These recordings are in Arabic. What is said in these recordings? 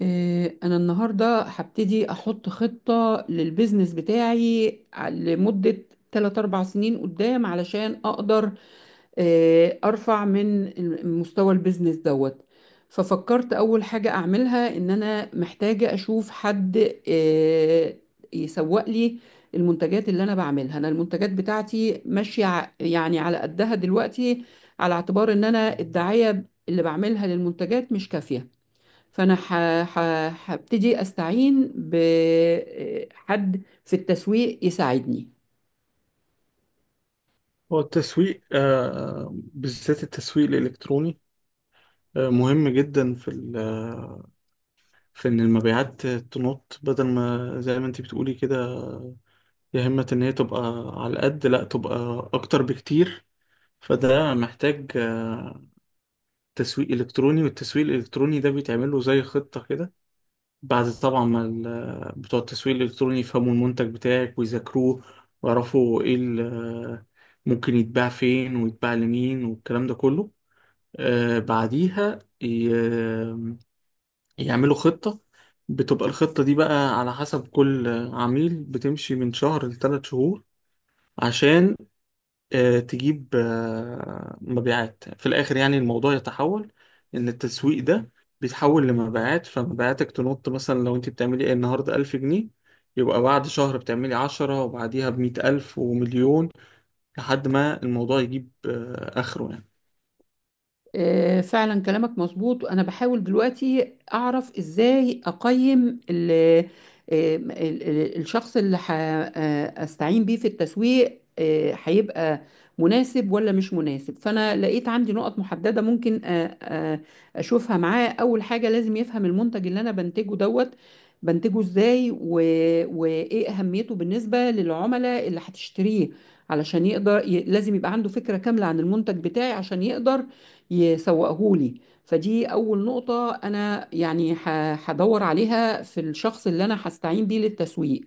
أنا النهاردة هبتدي أحط خطة للبيزنس بتاعي لمدة 3 أربع سنين قدام، علشان أقدر، أرفع من مستوى البيزنس دوت. ففكرت أول حاجة أعملها إن أنا محتاجة أشوف حد، يسوق لي المنتجات اللي أنا بعملها. أنا المنتجات بتاعتي ماشية يعني على قدها دلوقتي، على اعتبار إن أنا الدعاية اللي بعملها للمنتجات مش كافية. فانا ح... هبتدي استعين بحد في التسويق يساعدني. هو التسويق بالذات التسويق الإلكتروني مهم جدا في ال- آه، في إن المبيعات تنط بدل ما زي ما أنت بتقولي كده، يا همة إن هي تبقى على قد لا تبقى أكتر بكتير. فده محتاج تسويق إلكتروني، والتسويق الإلكتروني ده بيتعمل له زي خطة كده بعد طبعا ما بتوع التسويق الإلكتروني يفهموا المنتج بتاعك ويذاكروه، ويعرفوا إيه ممكن يتباع فين ويتباع لمين والكلام ده كله. بعديها يعملوا خطة، بتبقى الخطة دي بقى على حسب كل عميل، بتمشي من شهر لثلاث شهور عشان تجيب مبيعات في الآخر، يعني الموضوع يتحول، إن التسويق ده بيتحول لمبيعات، فمبيعاتك تنط مثلا لو أنت بتعملي إيه النهاردة 1000 جنيه يبقى بعد شهر بتعملي عشرة وبعديها بمية ألف ومليون، لحد ما الموضوع يجيب آخره يعني. فعلا كلامك مظبوط، وانا بحاول دلوقتي اعرف ازاي اقيم ال الشخص اللي استعين بيه في التسويق، هيبقى مناسب ولا مش مناسب. فانا لقيت عندي نقط محددة ممكن اشوفها معاه. اول حاجة، لازم يفهم المنتج اللي انا بنتجه دوت، بنتجه ازاي وايه اهميته بالنسبة للعملاء اللي هتشتريه، علشان يقدر لازم يبقى عنده فكرة كاملة عن المنتج بتاعي عشان يقدر يسوقه لي. فدي أول نقطة أنا يعني هدور عليها في الشخص اللي أنا هستعين بيه للتسويق.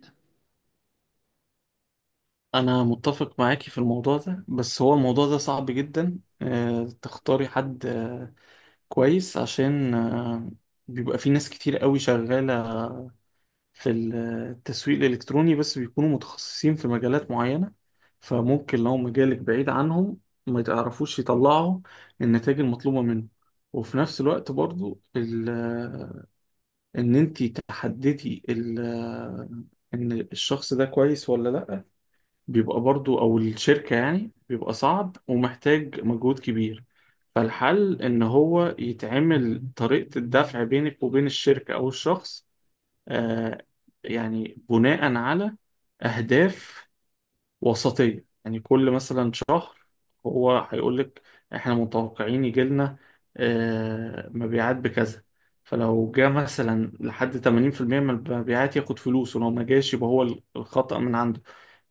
انا متفق معاكي في الموضوع ده، بس هو الموضوع ده صعب جدا تختاري حد كويس، عشان بيبقى في ناس كتير قوي شغالة في التسويق الالكتروني بس بيكونوا متخصصين في مجالات معينة، فممكن لو مجالك بعيد عنهم ما تعرفوش يطلعوا النتائج المطلوبة منه. وفي نفس الوقت برضو ان انتي تحددي ان الشخص ده كويس ولا لا بيبقى برضو او الشركة، يعني بيبقى صعب ومحتاج مجهود كبير. فالحل ان هو يتعمل طريقة الدفع بينك وبين الشركة او الشخص، آه يعني بناء على اهداف وسطية، يعني كل مثلا شهر هو هيقول لك احنا متوقعين يجي لنا مبيعات بكذا، فلو جه مثلا لحد 80% من المبيعات ياخد فلوس ولو ما جاش يبقى هو الخطأ من عنده،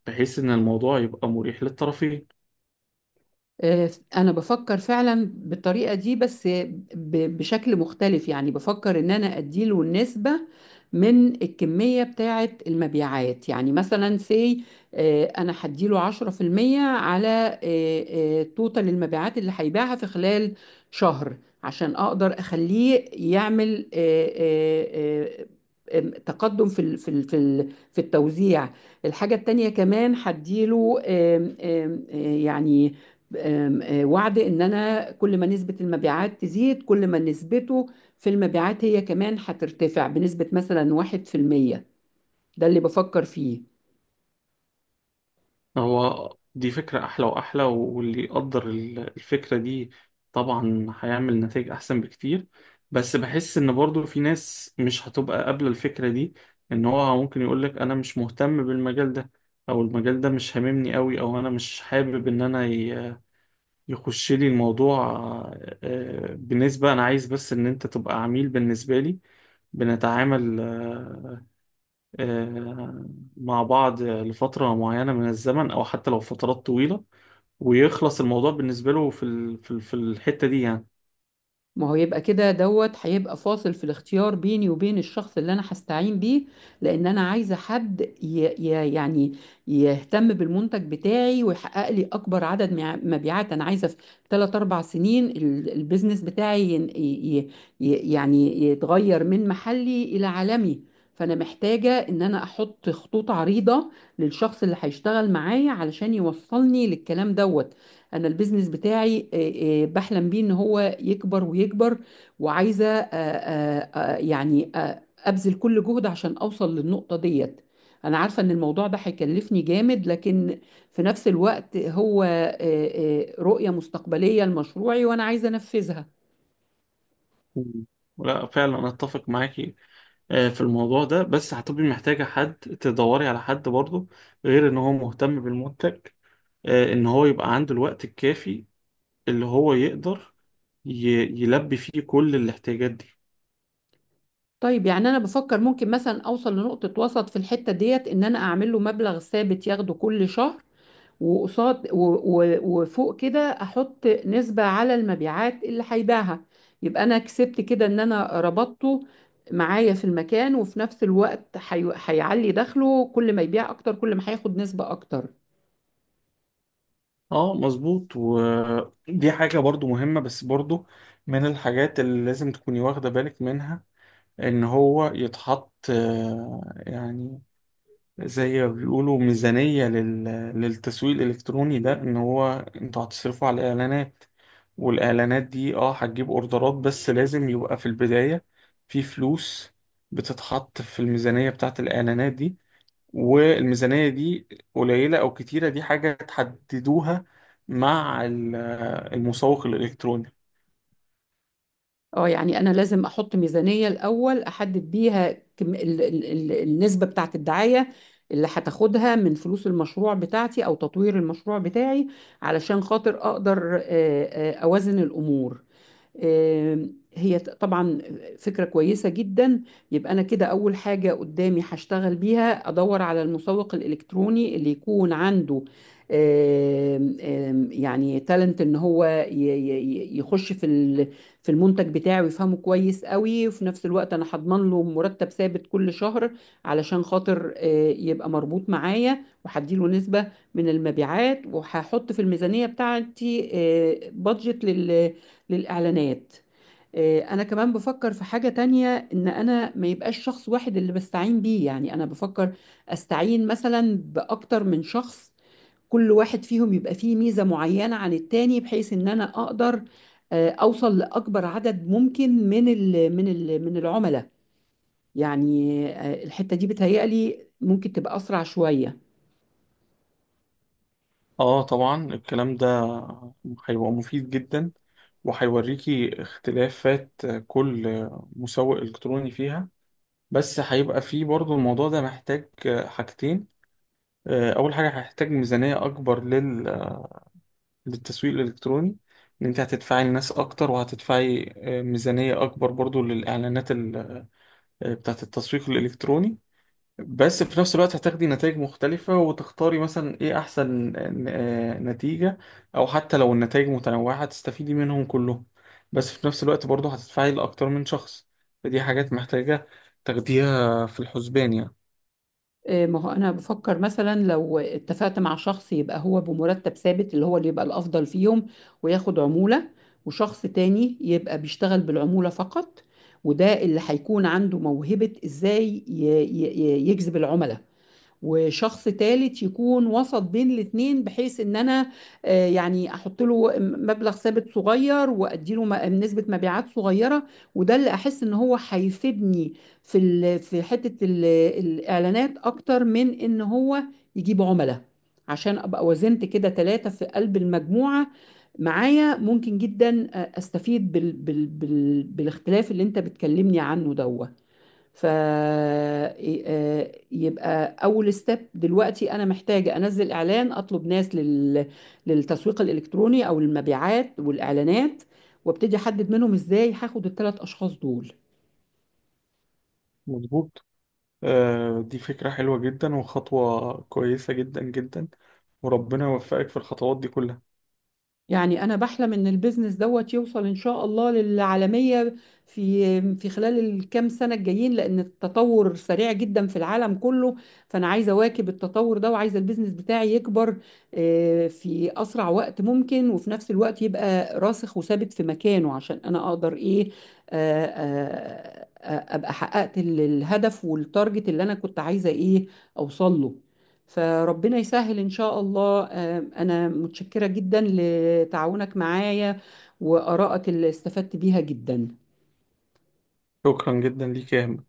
بحيث ان الموضوع يبقى مريح للطرفين. آه، انا بفكر فعلا بالطريقه دي بس بشكل مختلف. يعني بفكر ان انا اديله النسبه من الكميه بتاعه المبيعات. يعني مثلا سي، انا هديله 10% على توتال المبيعات اللي هيبيعها في خلال شهر، عشان اقدر اخليه يعمل آه، آه، آه، آم، تقدم في التوزيع. الحاجة التانية كمان هديله آم، آم، آه، يعني آم، آه، وعد ان انا كل ما نسبة المبيعات تزيد، كل ما نسبته في المبيعات هي كمان هترتفع بنسبة مثلا 1%. ده اللي بفكر فيه. هو دي فكرة أحلى وأحلى، واللي يقدر الفكرة دي طبعا هيعمل نتائج أحسن بكتير. بس بحس إن برضو في ناس مش هتبقى قابلة الفكرة دي، إن هو ممكن يقولك أنا مش مهتم بالمجال ده، أو المجال ده مش هاممني أوي، أو أنا مش حابب إن أنا يخش لي الموضوع، بنسبة أنا عايز بس إن أنت تبقى عميل بالنسبة لي، بنتعامل آه، مع بعض لفترة معينة من الزمن أو حتى لو فترات طويلة، ويخلص الموضوع بالنسبة له في الحتة دي يعني. ما هو يبقى كده دوت هيبقى فاصل في الاختيار بيني وبين الشخص اللي انا هستعين بيه، لان انا عايزه حد يعني يهتم بالمنتج بتاعي، ويحقق لي اكبر عدد مبيعات. انا عايزه في 3 4 سنين البيزنس بتاعي يعني يتغير من محلي الى عالمي. فانا محتاجه ان انا احط خطوط عريضه للشخص اللي هيشتغل معايا، علشان يوصلني للكلام دوت. انا البيزنس بتاعي، بحلم بيه ان هو يكبر ويكبر، وعايزه، ابذل كل جهد عشان اوصل للنقطه ديت. انا عارفه ان الموضوع ده هيكلفني جامد، لكن في نفس الوقت هو، رؤيه مستقبليه لمشروعي، وانا عايزه انفذها. مم. لا فعلا أنا أتفق معاكي في الموضوع ده، بس هتبقي محتاجة حد تدوري على حد برضه غير إن هو مهتم بالمنتج، إن هو يبقى عنده الوقت الكافي اللي هو يقدر ي... يلبي فيه كل الاحتياجات دي. طيب، يعني انا بفكر ممكن مثلا اوصل لنقطه وسط في الحته ديت، ان انا اعمل له مبلغ ثابت ياخده كل شهر، وقصاد وفوق كده احط نسبة على المبيعات اللي هيبيعها. يبقى انا كسبت كده ان انا ربطته معايا في المكان، وفي نفس الوقت هيعلي دخله، كل ما يبيع اكتر كل ما هياخد نسبة اكتر. اه، مظبوط. ودي حاجة برضو مهمة، بس برضو من الحاجات اللي لازم تكوني واخدة بالك منها ان هو يتحط يعني زي ما بيقولوا ميزانية للتسويق الإلكتروني ده، إن هو أنتوا هتصرفوا على الإعلانات، والإعلانات دي هتجيب أوردرات، بس لازم يبقى في البداية في فلوس بتتحط في الميزانية بتاعة الإعلانات دي، والميزانية دي قليلة أو كتيرة دي حاجة تحددوها مع المسوق الإلكتروني. اه، يعني انا لازم احط ميزانية الاول احدد بيها كم ال ال ال النسبة بتاعت الدعاية اللي هتاخدها من فلوس المشروع بتاعتي او تطوير المشروع بتاعي، علشان خاطر اقدر اوازن الامور. هي طبعا فكرة كويسة جدا. يبقى أنا كده أول حاجة قدامي هشتغل بيها، أدور على المسوق الإلكتروني اللي يكون عنده آم، آم، يعني تالنت، إن هو يخش في المنتج بتاعه ويفهمه كويس قوي. وفي نفس الوقت أنا هضمن له مرتب ثابت كل شهر، علشان خاطر، يبقى مربوط معايا، وهديله نسبة من المبيعات، وهحط في الميزانية بتاعتي، بادجت للإعلانات. أنا كمان بفكر في حاجة تانية، إن أنا ما يبقاش شخص واحد اللي بستعين بيه. يعني أنا بفكر أستعين مثلا بأكتر من شخص، كل واحد فيهم يبقى فيه ميزة معينة عن التاني، بحيث إن أنا أقدر، أوصل لأكبر عدد ممكن من العملاء. يعني، الحتة دي بتهيألي ممكن تبقى أسرع شوية. اه، طبعا الكلام ده هيبقى مفيد جدا وهيوريكي اختلافات كل مسوق الكتروني فيها. بس هيبقى فيه برضو الموضوع ده محتاج حاجتين، اول حاجة هيحتاج ميزانية اكبر للتسويق الالكتروني، ان انت هتدفعي لناس اكتر وهتدفعي ميزانية اكبر برضو للاعلانات ال... آه، بتاعت التسويق الالكتروني. بس في نفس الوقت هتاخدي نتائج مختلفة وتختاري مثلا ايه احسن نتيجة، او حتى لو النتائج متنوعة هتستفيدي منهم كلهم، بس في نفس الوقت برضه هتدفعي لأكتر من شخص، فدي حاجات محتاجة تاخديها في الحسبان يعني. ما هو انا بفكر مثلا لو اتفقت مع شخص، يبقى هو بمرتب ثابت، اللي هو اللي يبقى الافضل فيهم وياخد عمولة. وشخص تاني يبقى بيشتغل بالعمولة فقط، وده اللي هيكون عنده موهبة ازاي يجذب العملاء. وشخص تالت يكون وسط بين الاتنين، بحيث ان انا، يعني احط له مبلغ ثابت صغير وادي له نسبة مبيعات صغيرة، وده اللي احس ان هو هيفيدني في حتة الاعلانات اكتر من ان هو يجيب عملاء. عشان ابقى وزنت كده ثلاثة في قلب المجموعة معايا، ممكن جدا، استفيد بالاختلاف اللي انت بتكلمني عنه ده. فيبقى اول ستيب دلوقتي، انا محتاجه انزل اعلان اطلب ناس للتسويق الالكتروني او المبيعات والاعلانات، وابتدي احدد منهم ازاي هاخد ال3 اشخاص دول. مظبوط. دي فكرة حلوة جدا وخطوة كويسة جدا جدا، وربنا يوفقك في الخطوات دي كلها. يعني انا بحلم ان البيزنس دوت يوصل ان شاء الله للعالميه في خلال الكام سنه الجايين، لان التطور سريع جدا في العالم كله. فانا عايزه اواكب التطور ده، وعايزه البيزنس بتاعي يكبر، في اسرع وقت ممكن، وفي نفس الوقت يبقى راسخ وثابت في مكانه، عشان انا اقدر ايه، ابقى حققت الهدف والتارجت اللي انا كنت عايزه ايه اوصل له. فربنا يسهل إن شاء الله. أنا متشكرة جدا لتعاونك معايا، وآرائك اللي استفدت بيها جدا. شكرا جدا ليك يا أهم.